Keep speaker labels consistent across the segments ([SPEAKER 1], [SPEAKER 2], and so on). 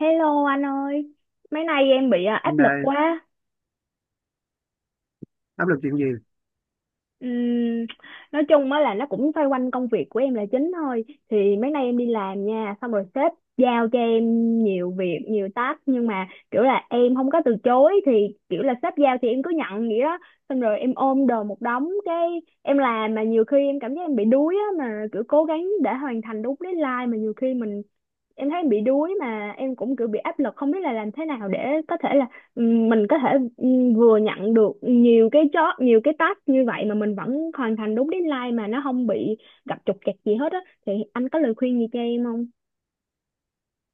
[SPEAKER 1] Hello anh ơi, mấy nay em bị
[SPEAKER 2] Nên
[SPEAKER 1] áp lực
[SPEAKER 2] là
[SPEAKER 1] quá.
[SPEAKER 2] áp lực chuyện gì?
[SPEAKER 1] Ừm, nói chung á là nó cũng xoay quanh công việc của em là chính thôi. Thì mấy nay em đi làm nha, xong rồi sếp giao cho em nhiều việc, nhiều task nhưng mà kiểu là em không có từ chối thì kiểu là sếp giao thì em cứ nhận vậy đó. Xong rồi em ôm đồm một đống cái em làm mà nhiều khi em cảm giác em bị đuối á mà kiểu cố gắng để hoàn thành đúng deadline mà nhiều khi mình em thấy em bị đuối mà em cũng kiểu bị áp lực không biết là làm thế nào để có thể là mình có thể vừa nhận được nhiều cái job nhiều cái task như vậy mà mình vẫn hoàn thành đúng deadline mà nó không bị gặp trục trặc gì hết á thì anh có lời khuyên gì cho em không?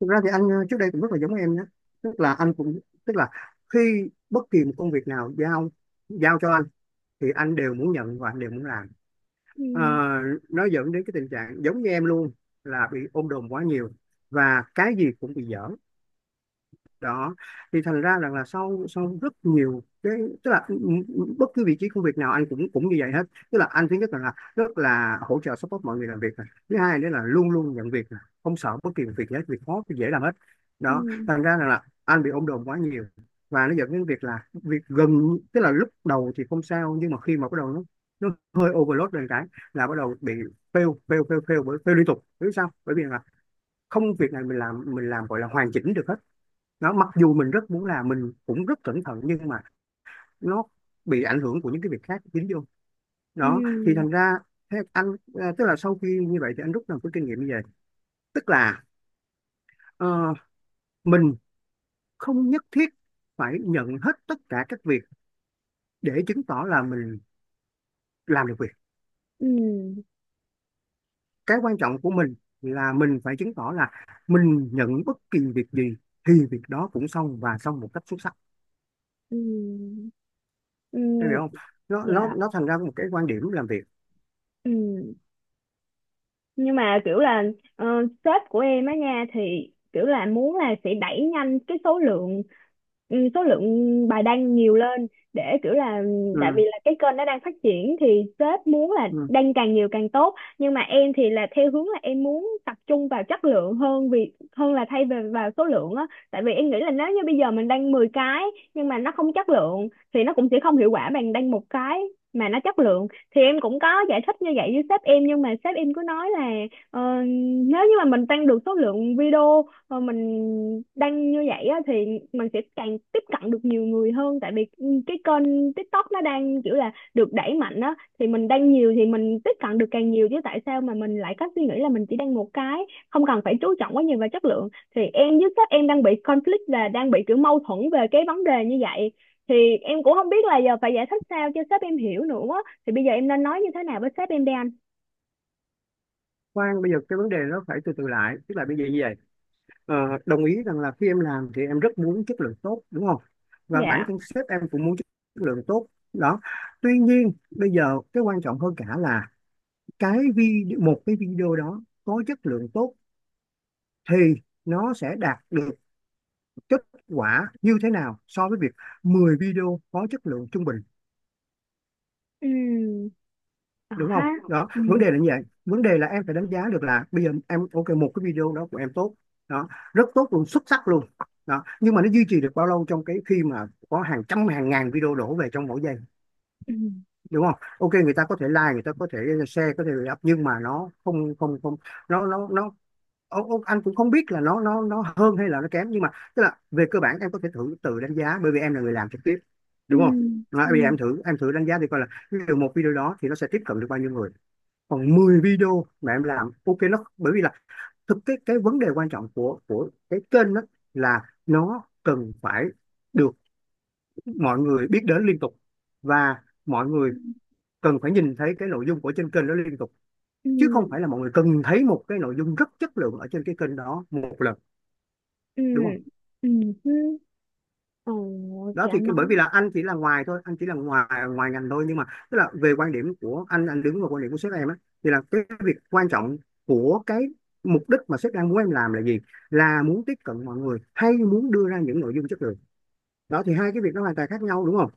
[SPEAKER 2] Thực ra thì anh trước đây cũng rất là giống em nhé. Tức là anh cũng, tức là khi bất kỳ một công việc nào giao giao cho anh thì anh đều muốn nhận và anh đều muốn làm. Ờ,
[SPEAKER 1] Ừ,
[SPEAKER 2] nó dẫn đến cái tình trạng giống như em luôn, là bị ôm đồm quá nhiều và cái gì cũng bị dở. Đó thì thành ra rằng là sau sau rất nhiều cái, tức là bất cứ vị trí công việc nào anh cũng cũng như vậy hết. Tức là anh thứ nhất là rất là hỗ trợ, support mọi người làm việc này. Thứ hai nữa là luôn luôn nhận việc này, không sợ bất kỳ một việc gì hết, việc khó thì dễ làm hết.
[SPEAKER 1] ừ,
[SPEAKER 2] Đó thành ra rằng là anh bị ôm đồm quá nhiều và nó dẫn đến việc là việc gần, tức là lúc đầu thì không sao nhưng mà khi mà bắt đầu nó, nó hơi overload lên cái là bắt đầu bị fail fail fail fail bởi fail liên tục. Biết sao? Bởi vì là không, việc này mình làm, gọi là hoàn chỉnh được hết. Nó mặc dù mình rất muốn làm, mình cũng rất cẩn thận nhưng mà nó bị ảnh hưởng của những cái việc khác dính vô. Đó thì thành
[SPEAKER 1] ừ,
[SPEAKER 2] ra thế anh, tức là sau khi như vậy thì anh rút ra một cái kinh nghiệm như vậy. Tức là ờ, mình không nhất thiết phải nhận hết tất cả các việc để chứng tỏ là mình làm được việc.
[SPEAKER 1] ừ,
[SPEAKER 2] Cái quan trọng của mình là mình phải chứng tỏ là mình nhận bất kỳ việc gì thì việc đó cũng xong và xong một cách xuất sắc.
[SPEAKER 1] ừ,
[SPEAKER 2] Em hiểu không?
[SPEAKER 1] ừ.
[SPEAKER 2] Nó
[SPEAKER 1] Dạ,
[SPEAKER 2] thành ra một cái quan điểm làm việc.
[SPEAKER 1] ừ. Nhưng mà kiểu là ờ, sếp của em á nha thì kiểu là muốn là sẽ đẩy nhanh cái số lượng, số lượng bài đăng nhiều lên để kiểu là tại
[SPEAKER 2] Ừ,
[SPEAKER 1] vì là cái kênh nó đang phát triển thì sếp muốn là
[SPEAKER 2] ừ.
[SPEAKER 1] đăng càng nhiều càng tốt nhưng mà em thì là theo hướng là em muốn tập trung vào chất lượng hơn vì hơn là thay về vào số lượng á tại vì em nghĩ là nếu như bây giờ mình đăng 10 cái nhưng mà nó không chất lượng thì nó cũng sẽ không hiệu quả bằng đăng một cái mà nó chất lượng thì em cũng có giải thích như vậy với sếp em nhưng mà sếp em cứ nói là ờ, nếu như mà mình tăng được số lượng video mà mình đăng như vậy á, thì mình sẽ càng tiếp cận được nhiều người hơn tại vì cái kênh TikTok nó đang kiểu là được đẩy mạnh á thì mình đăng nhiều thì mình tiếp cận được càng nhiều chứ tại sao mà mình lại có suy nghĩ là mình chỉ đăng một cái không cần phải chú trọng quá nhiều vào chất lượng thì em với sếp em đang bị conflict và đang bị kiểu mâu thuẫn về cái vấn đề như vậy thì em cũng không biết là giờ phải giải thích sao cho sếp em hiểu nữa thì bây giờ em nên nói như thế nào với sếp em đây anh?
[SPEAKER 2] Khoan, bây giờ cái vấn đề nó phải từ từ lại, tức là bây giờ như vậy. ờ, Đồng ý rằng là khi em làm thì em rất muốn chất lượng tốt đúng không, và bản
[SPEAKER 1] Dạ,
[SPEAKER 2] thân sếp em cũng muốn chất lượng tốt. Đó, tuy nhiên bây giờ cái quan trọng hơn cả là cái video, một cái video đó có chất lượng tốt thì nó sẽ đạt được kết quả như thế nào so với việc 10 video có chất lượng trung bình.
[SPEAKER 1] ừ, ờ
[SPEAKER 2] Đúng
[SPEAKER 1] ha,
[SPEAKER 2] không? Đó
[SPEAKER 1] ừ,
[SPEAKER 2] vấn đề là như vậy, vấn đề là em phải đánh giá được là bây giờ em ok một cái video đó của em tốt, đó, rất tốt luôn, xuất sắc luôn. Đó, nhưng mà nó duy trì được bao lâu trong cái khi mà có hàng trăm hàng ngàn video đổ về trong mỗi giây.
[SPEAKER 1] ừ,
[SPEAKER 2] Đúng không? Ok, người ta có thể like, người ta có thể share, có thể up nhưng mà nó không không không nó ông, anh cũng không biết là nó hơn hay là nó kém, nhưng mà tức là về cơ bản em có thể thử tự đánh giá bởi vì em là người làm trực tiếp,
[SPEAKER 1] ừ,
[SPEAKER 2] đúng không? Đó,
[SPEAKER 1] ừ,
[SPEAKER 2] bây giờ em thử, đánh giá thì coi là từ một video đó thì nó sẽ tiếp cận được bao nhiêu người, còn 10 video mà em làm ok nó. Bởi vì là thực, cái vấn đề quan trọng của cái kênh đó là nó cần phải được mọi người biết đến liên tục, và mọi
[SPEAKER 1] ừ,
[SPEAKER 2] người cần phải nhìn thấy cái nội dung của trên kênh đó liên tục, chứ không
[SPEAKER 1] ừ,
[SPEAKER 2] phải là mọi người cần thấy một cái nội dung rất chất lượng ở trên cái kênh đó một lần.
[SPEAKER 1] ừ,
[SPEAKER 2] Đúng không?
[SPEAKER 1] ừ, ừ, ừ.
[SPEAKER 2] Đó
[SPEAKER 1] Thì
[SPEAKER 2] thì
[SPEAKER 1] anh
[SPEAKER 2] cái-
[SPEAKER 1] nói
[SPEAKER 2] bởi vì là anh chỉ là ngoài thôi, anh chỉ là ngoài ngoài ngành thôi, nhưng mà tức là về quan điểm của anh đứng vào quan điểm của sếp em á, thì là cái việc quan trọng của cái mục đích mà sếp đang muốn em làm là gì, là muốn tiếp cận mọi người hay muốn đưa ra những nội dung chất lượng? Đó thì hai cái việc nó hoàn toàn khác nhau, đúng không?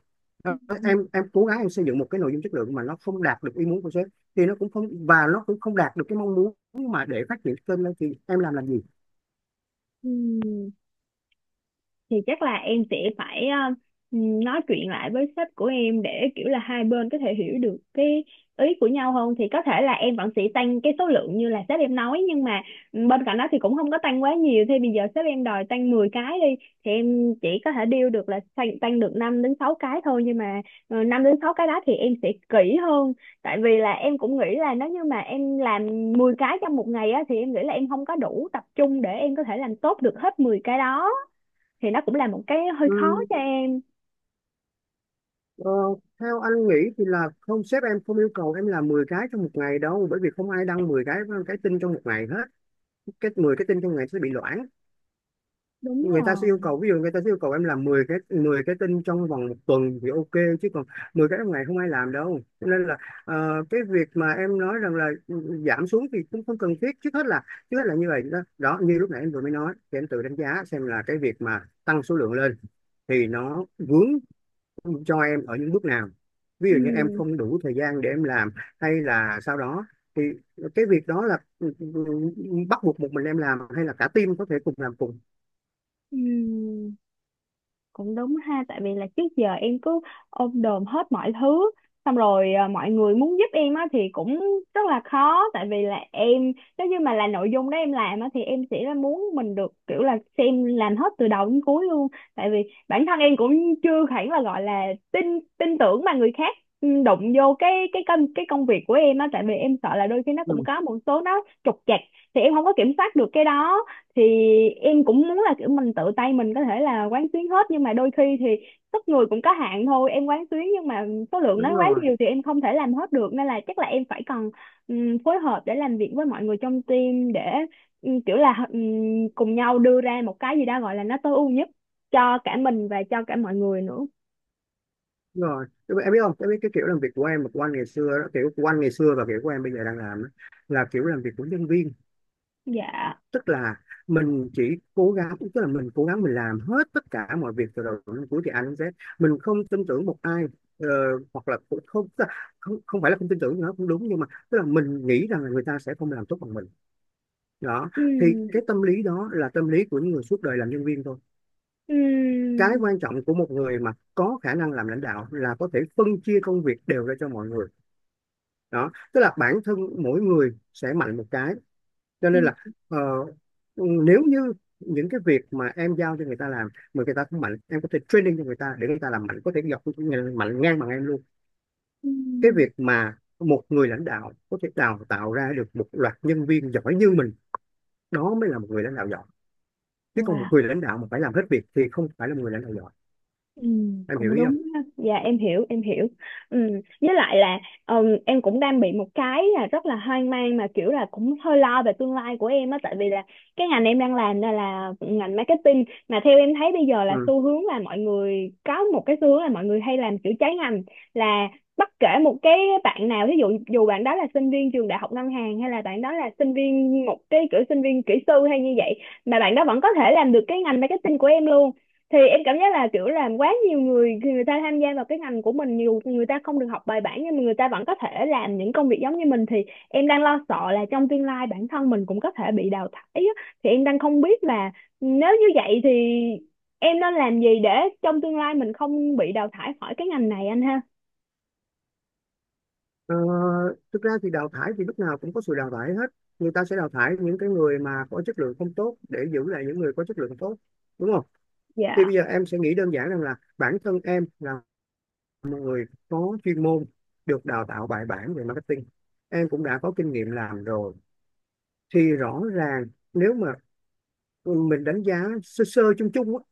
[SPEAKER 2] Đó,
[SPEAKER 1] ừ,
[SPEAKER 2] em cố gắng em xây dựng một cái nội dung chất lượng mà nó không đạt được ý muốn của sếp thì nó cũng không, và nó cũng không đạt được cái mong muốn mà để phát triển kênh lên, thì em làm gì?
[SPEAKER 1] ừ, thì chắc là em sẽ phải nói chuyện lại với sếp của em để kiểu là hai bên có thể hiểu được cái ý của nhau hơn thì có thể là em vẫn sẽ tăng cái số lượng như là sếp em nói nhưng mà bên cạnh đó thì cũng không có tăng quá nhiều thì bây giờ sếp em đòi tăng 10 cái đi thì em chỉ có thể deal được là tăng được 5 đến 6 cái thôi nhưng mà 5 đến 6 cái đó thì em sẽ kỹ hơn tại vì là em cũng nghĩ là nếu như mà em làm 10 cái trong một ngày á thì em nghĩ là em không có đủ tập trung để em có thể làm tốt được hết 10 cái đó thì nó cũng là một cái hơi
[SPEAKER 2] Ừ.
[SPEAKER 1] khó cho em.
[SPEAKER 2] Ờ, theo anh nghĩ thì là không, sếp em không yêu cầu em làm 10 cái trong một ngày đâu, bởi vì không ai đăng 10 cái tin trong một ngày hết. Cái 10 cái tin trong ngày sẽ bị loãng.
[SPEAKER 1] Đúng
[SPEAKER 2] Người ta sẽ yêu
[SPEAKER 1] rồi,
[SPEAKER 2] cầu, ví dụ người ta sẽ yêu cầu em làm 10 cái, tin trong vòng một tuần thì ok, chứ còn 10 cái trong ngày không ai làm đâu. Cho nên là cái việc mà em nói rằng là giảm xuống thì cũng không cần thiết. Trước hết là, như vậy đó. Đó như lúc nãy em vừa mới nói thì em tự đánh giá xem là cái việc mà tăng số lượng lên thì nó vướng cho em ở những bước nào, ví dụ như em
[SPEAKER 1] ừ,
[SPEAKER 2] không đủ thời gian để em làm, hay là sau đó thì cái việc đó là bắt buộc một mình em làm hay là cả team có thể cùng làm cùng.
[SPEAKER 1] ừ, cũng đúng ha tại vì là trước giờ em cứ ôm đồm hết mọi thứ xong rồi mọi người muốn giúp em á thì cũng rất là khó tại vì là em nếu như mà là nội dung đó em làm á thì em sẽ là muốn mình được kiểu là xem làm hết từ đầu đến cuối luôn tại vì bản thân em cũng chưa hẳn là gọi là tin tin tưởng mà người khác đụng vô cái công việc của em á tại vì em sợ là đôi khi nó cũng
[SPEAKER 2] Ừ,
[SPEAKER 1] có một số nó trục trặc thì em không có kiểm soát được cái đó thì em cũng muốn là kiểu mình tự tay mình có thể là quán xuyến hết nhưng mà đôi khi thì sức người cũng có hạn thôi em quán xuyến nhưng mà số lượng
[SPEAKER 2] đúng
[SPEAKER 1] nó quá
[SPEAKER 2] rồi.
[SPEAKER 1] nhiều thì em không thể làm hết được nên là chắc là em phải cần phối hợp để làm việc với mọi người trong team để kiểu là cùng nhau đưa ra một cái gì đó gọi là nó tối ưu nhất cho cả mình và cho cả mọi người nữa.
[SPEAKER 2] Đúng rồi, đúng rồi. Em biết không, em biết cái kiểu làm việc của em và của anh ngày xưa đó, kiểu của anh ngày xưa và kiểu của em bây giờ đang làm đó, là kiểu làm việc của nhân viên.
[SPEAKER 1] Dạ,
[SPEAKER 2] Tức là mình chỉ cố gắng, tức là mình cố gắng mình làm hết tất cả mọi việc từ đầu đến cuối thì A đến Z, mình không tin tưởng một ai. Ờ, hoặc là cũng không, tức là không không phải là không tin tưởng nó cũng đúng, nhưng mà tức là mình nghĩ rằng là người ta sẽ không làm tốt bằng mình. Đó thì
[SPEAKER 1] ừm,
[SPEAKER 2] cái tâm lý đó là tâm lý của những người suốt đời làm nhân viên thôi. Cái
[SPEAKER 1] ừm,
[SPEAKER 2] quan trọng của một người mà có khả năng làm lãnh đạo là có thể phân chia công việc đều ra cho mọi người. Đó tức là bản thân mỗi người sẽ mạnh một cái, cho nên là ờ, nếu như những cái việc mà em giao cho người ta làm mà người ta không mạnh, em có thể training cho người ta để người ta làm mạnh, có thể dọc mạnh ngang bằng em luôn. Cái
[SPEAKER 1] ừm.
[SPEAKER 2] việc mà một người lãnh đạo có thể đào tạo ra được một loạt nhân viên giỏi như mình, đó mới là một người lãnh đạo giỏi. Chứ còn một
[SPEAKER 1] Wow,
[SPEAKER 2] người lãnh đạo mà phải làm hết việc thì không phải là một người lãnh đạo giỏi.
[SPEAKER 1] ừ,
[SPEAKER 2] Em hiểu
[SPEAKER 1] cũng
[SPEAKER 2] ý không?
[SPEAKER 1] đúng ha. Dạ em hiểu em hiểu, ừ. Với lại là em cũng đang bị một cái là rất là hoang mang mà kiểu là cũng hơi lo về tương lai của em á tại vì là cái ngành em đang làm là ngành marketing mà theo em thấy bây giờ là
[SPEAKER 2] Ừ.
[SPEAKER 1] xu hướng là mọi người có một cái xu hướng là mọi người hay làm kiểu trái ngành là bất kể một cái bạn nào ví dụ dù bạn đó là sinh viên trường đại học ngân hàng hay là bạn đó là sinh viên một cái kiểu sinh viên kỹ sư hay như vậy mà bạn đó vẫn có thể làm được cái ngành marketing của em luôn thì em cảm giác là kiểu làm quá nhiều người người ta tham gia vào cái ngành của mình dù người ta không được học bài bản nhưng mà người ta vẫn có thể làm những công việc giống như mình thì em đang lo sợ là trong tương lai bản thân mình cũng có thể bị đào thải á. Thì em đang không biết là nếu như vậy thì em nên làm gì để trong tương lai mình không bị đào thải khỏi cái ngành này anh ha?
[SPEAKER 2] Ờ, thực ra thì đào thải thì lúc nào cũng có sự đào thải hết. Người ta sẽ đào thải những cái người mà có chất lượng không tốt để giữ lại những người có chất lượng tốt, đúng không? Thì
[SPEAKER 1] Dạ,
[SPEAKER 2] bây giờ em sẽ nghĩ đơn giản rằng là bản thân em là một người có chuyên môn, được đào tạo bài bản về marketing. Em cũng đã có kinh nghiệm làm rồi. Thì rõ ràng nếu mà mình đánh giá sơ sơ chung chung á,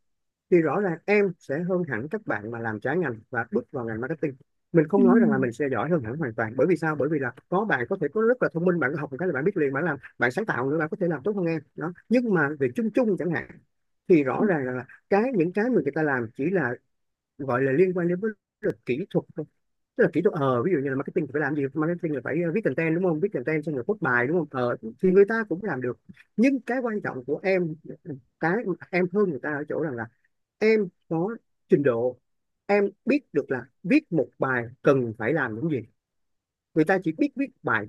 [SPEAKER 2] thì rõ ràng em sẽ hơn hẳn các bạn mà làm trái ngành và bước vào ngành marketing. Mình
[SPEAKER 1] ừ,
[SPEAKER 2] không nói rằng là mình sẽ giỏi hơn hẳn hoàn toàn. Bởi vì sao? Bởi vì là có bạn có thể có rất là thông minh, bạn có học một cái là bạn biết liền, bạn làm, bạn sáng tạo nữa, bạn có thể làm tốt hơn em. Đó. Nhưng mà về chung chung chẳng hạn, thì rõ ràng là cái những cái mà người ta làm chỉ là gọi là liên quan đến với luật kỹ thuật thôi. Tức là kỹ thuật, ờ ví dụ như là marketing phải làm gì, marketing là phải viết content đúng không, viết content xong rồi post bài đúng không, ờ thì người ta cũng làm được. Nhưng cái quan trọng của em, cái em hơn người ta ở chỗ rằng là em có trình độ. Em biết được là viết một bài cần phải làm những gì, người ta chỉ biết viết bài,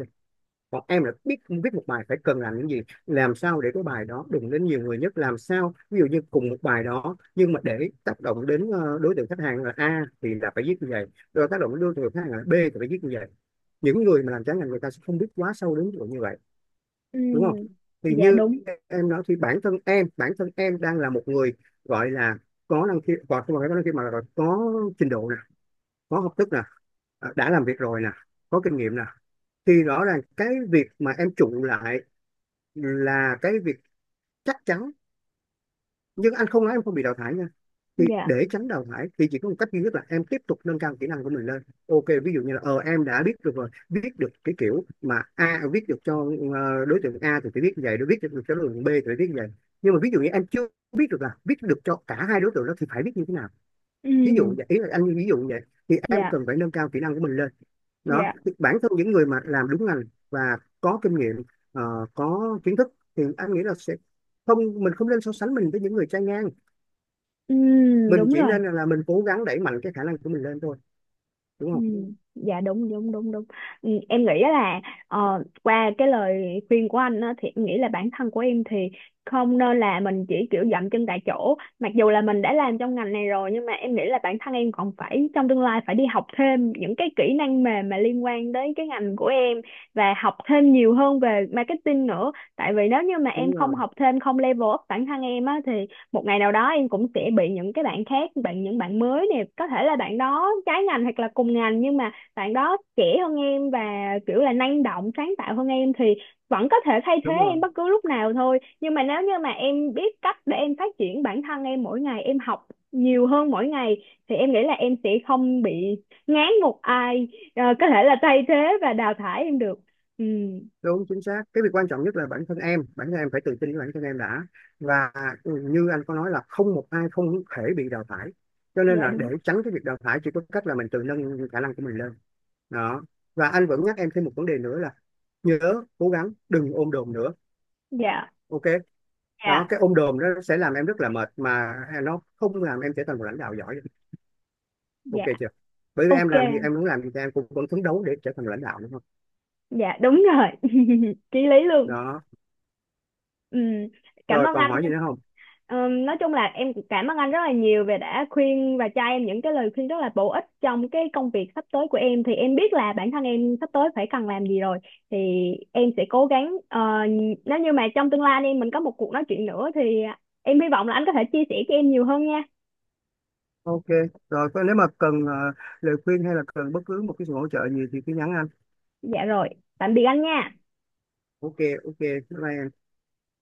[SPEAKER 2] còn em là biết viết một bài phải cần làm những gì, làm sao để cái bài đó đụng đến nhiều người nhất, làm sao ví dụ như cùng một bài đó nhưng mà để tác động đến đối tượng khách hàng là A thì là phải viết như vậy, rồi tác động đến đối tượng khách hàng là B thì phải viết như vậy. Những người mà làm trái ngành người ta sẽ không biết quá sâu đến chỗ như vậy,
[SPEAKER 1] ừ.
[SPEAKER 2] đúng không? Thì
[SPEAKER 1] Dạ
[SPEAKER 2] như
[SPEAKER 1] đúng.
[SPEAKER 2] em nói thì bản thân em, bản thân em đang là một người gọi là có năng khiếu, còn không phải có năng khiếu mà là có trình độ nè, có học thức nè, đã làm việc rồi nè, có kinh nghiệm nè, thì rõ ràng cái việc mà em trụ lại là cái việc chắc chắn. Nhưng anh không nói em không bị đào thải nha. Thì
[SPEAKER 1] Dạ,
[SPEAKER 2] để tránh đào thải thì chỉ có một cách duy nhất là em tiếp tục nâng cao kỹ năng của mình lên, ok. Ví dụ như là ờ em đã biết được rồi, viết được cái kiểu mà A, viết được cho đối tượng A thì phải viết như vậy, đối viết được cho đối tượng B thì phải viết như vậy, nhưng mà ví dụ như em chưa biết được là viết được cho cả hai đối tượng đó thì phải viết như thế nào,
[SPEAKER 1] ừ,
[SPEAKER 2] ví dụ vậy, ý là anh ví dụ vậy, thì em
[SPEAKER 1] dạ,
[SPEAKER 2] cần phải nâng cao kỹ năng của mình lên. Đó.
[SPEAKER 1] dạ,
[SPEAKER 2] Thì bản thân những người mà làm đúng ngành và có kinh nghiệm, có kiến thức thì anh nghĩ là sẽ không, mình không nên so sánh mình với những người trai ngang.
[SPEAKER 1] ừ,
[SPEAKER 2] Mình
[SPEAKER 1] đúng
[SPEAKER 2] chỉ
[SPEAKER 1] rồi,
[SPEAKER 2] nên là, mình cố gắng đẩy mạnh cái khả năng của mình lên thôi, đúng
[SPEAKER 1] ừ,
[SPEAKER 2] không?
[SPEAKER 1] dạ đúng đúng đúng đúng, ừ, em nghĩ là qua cái lời khuyên của anh á, thì em nghĩ là bản thân của em thì không nên là mình chỉ kiểu dậm chân tại chỗ mặc dù là mình đã làm trong ngành này rồi nhưng mà em nghĩ là bản thân em còn phải trong tương lai phải đi học thêm những cái kỹ năng mềm mà liên quan đến cái ngành của em và học thêm nhiều hơn về marketing nữa tại vì nếu như mà em
[SPEAKER 2] Đúng
[SPEAKER 1] không
[SPEAKER 2] rồi,
[SPEAKER 1] học thêm không level up bản thân em á thì một ngày nào đó em cũng sẽ bị những cái bạn khác bạn những bạn mới nè có thể là bạn đó trái ngành hoặc là cùng ngành nhưng mà bạn đó trẻ hơn em và kiểu là năng động sáng tạo hơn em thì vẫn có thể thay thế
[SPEAKER 2] đúng
[SPEAKER 1] em
[SPEAKER 2] rồi.
[SPEAKER 1] bất cứ lúc nào thôi nhưng mà nếu như mà em biết cách để em phát triển bản thân em mỗi ngày em học nhiều hơn mỗi ngày thì em nghĩ là em sẽ không bị ngán một ai có thể là thay thế và đào thải em được, ừ.
[SPEAKER 2] Đúng chính xác, cái việc quan trọng nhất là bản thân em, bản thân em phải tự tin với bản thân em đã. Và như anh có nói là không một ai không thể bị đào thải, cho nên
[SPEAKER 1] Dạ
[SPEAKER 2] là để
[SPEAKER 1] đúng,
[SPEAKER 2] tránh cái việc đào thải chỉ có cách là mình tự nâng khả năng của mình lên. Đó. Và anh vẫn nhắc em thêm một vấn đề nữa là nhớ cố gắng đừng ôm đồm nữa,
[SPEAKER 1] dạ,
[SPEAKER 2] ok? Đó,
[SPEAKER 1] dạ,
[SPEAKER 2] cái ôm đồm nó sẽ làm em rất là mệt mà, nó không làm em trở thành một lãnh đạo giỏi. Ok
[SPEAKER 1] dạ,
[SPEAKER 2] chưa? Bởi vì em
[SPEAKER 1] ok.
[SPEAKER 2] làm gì, em muốn làm gì thì em cũng vẫn phấn đấu để trở thành lãnh đạo, đúng không?
[SPEAKER 1] Dạ đúng rồi Chí lý luôn,
[SPEAKER 2] Đó,
[SPEAKER 1] ừ. Cảm
[SPEAKER 2] rồi
[SPEAKER 1] ơn
[SPEAKER 2] còn
[SPEAKER 1] anh
[SPEAKER 2] hỏi
[SPEAKER 1] nha.
[SPEAKER 2] gì nữa không?
[SPEAKER 1] Nói chung là em cũng cảm ơn anh rất là nhiều về đã khuyên và cho em những cái lời khuyên rất là bổ ích trong cái công việc sắp tới của em thì em biết là bản thân em sắp tới phải cần làm gì rồi. Thì em sẽ cố gắng nếu như mà trong tương lai anh em mình có một cuộc nói chuyện nữa thì em hy vọng là anh có thể chia sẻ cho em nhiều hơn nha.
[SPEAKER 2] Ok, rồi nếu mà cần lời khuyên hay là cần bất cứ một cái sự hỗ trợ gì thì cứ nhắn anh.
[SPEAKER 1] Dạ rồi, tạm biệt anh nha.
[SPEAKER 2] Ok. Ok, bye bye em.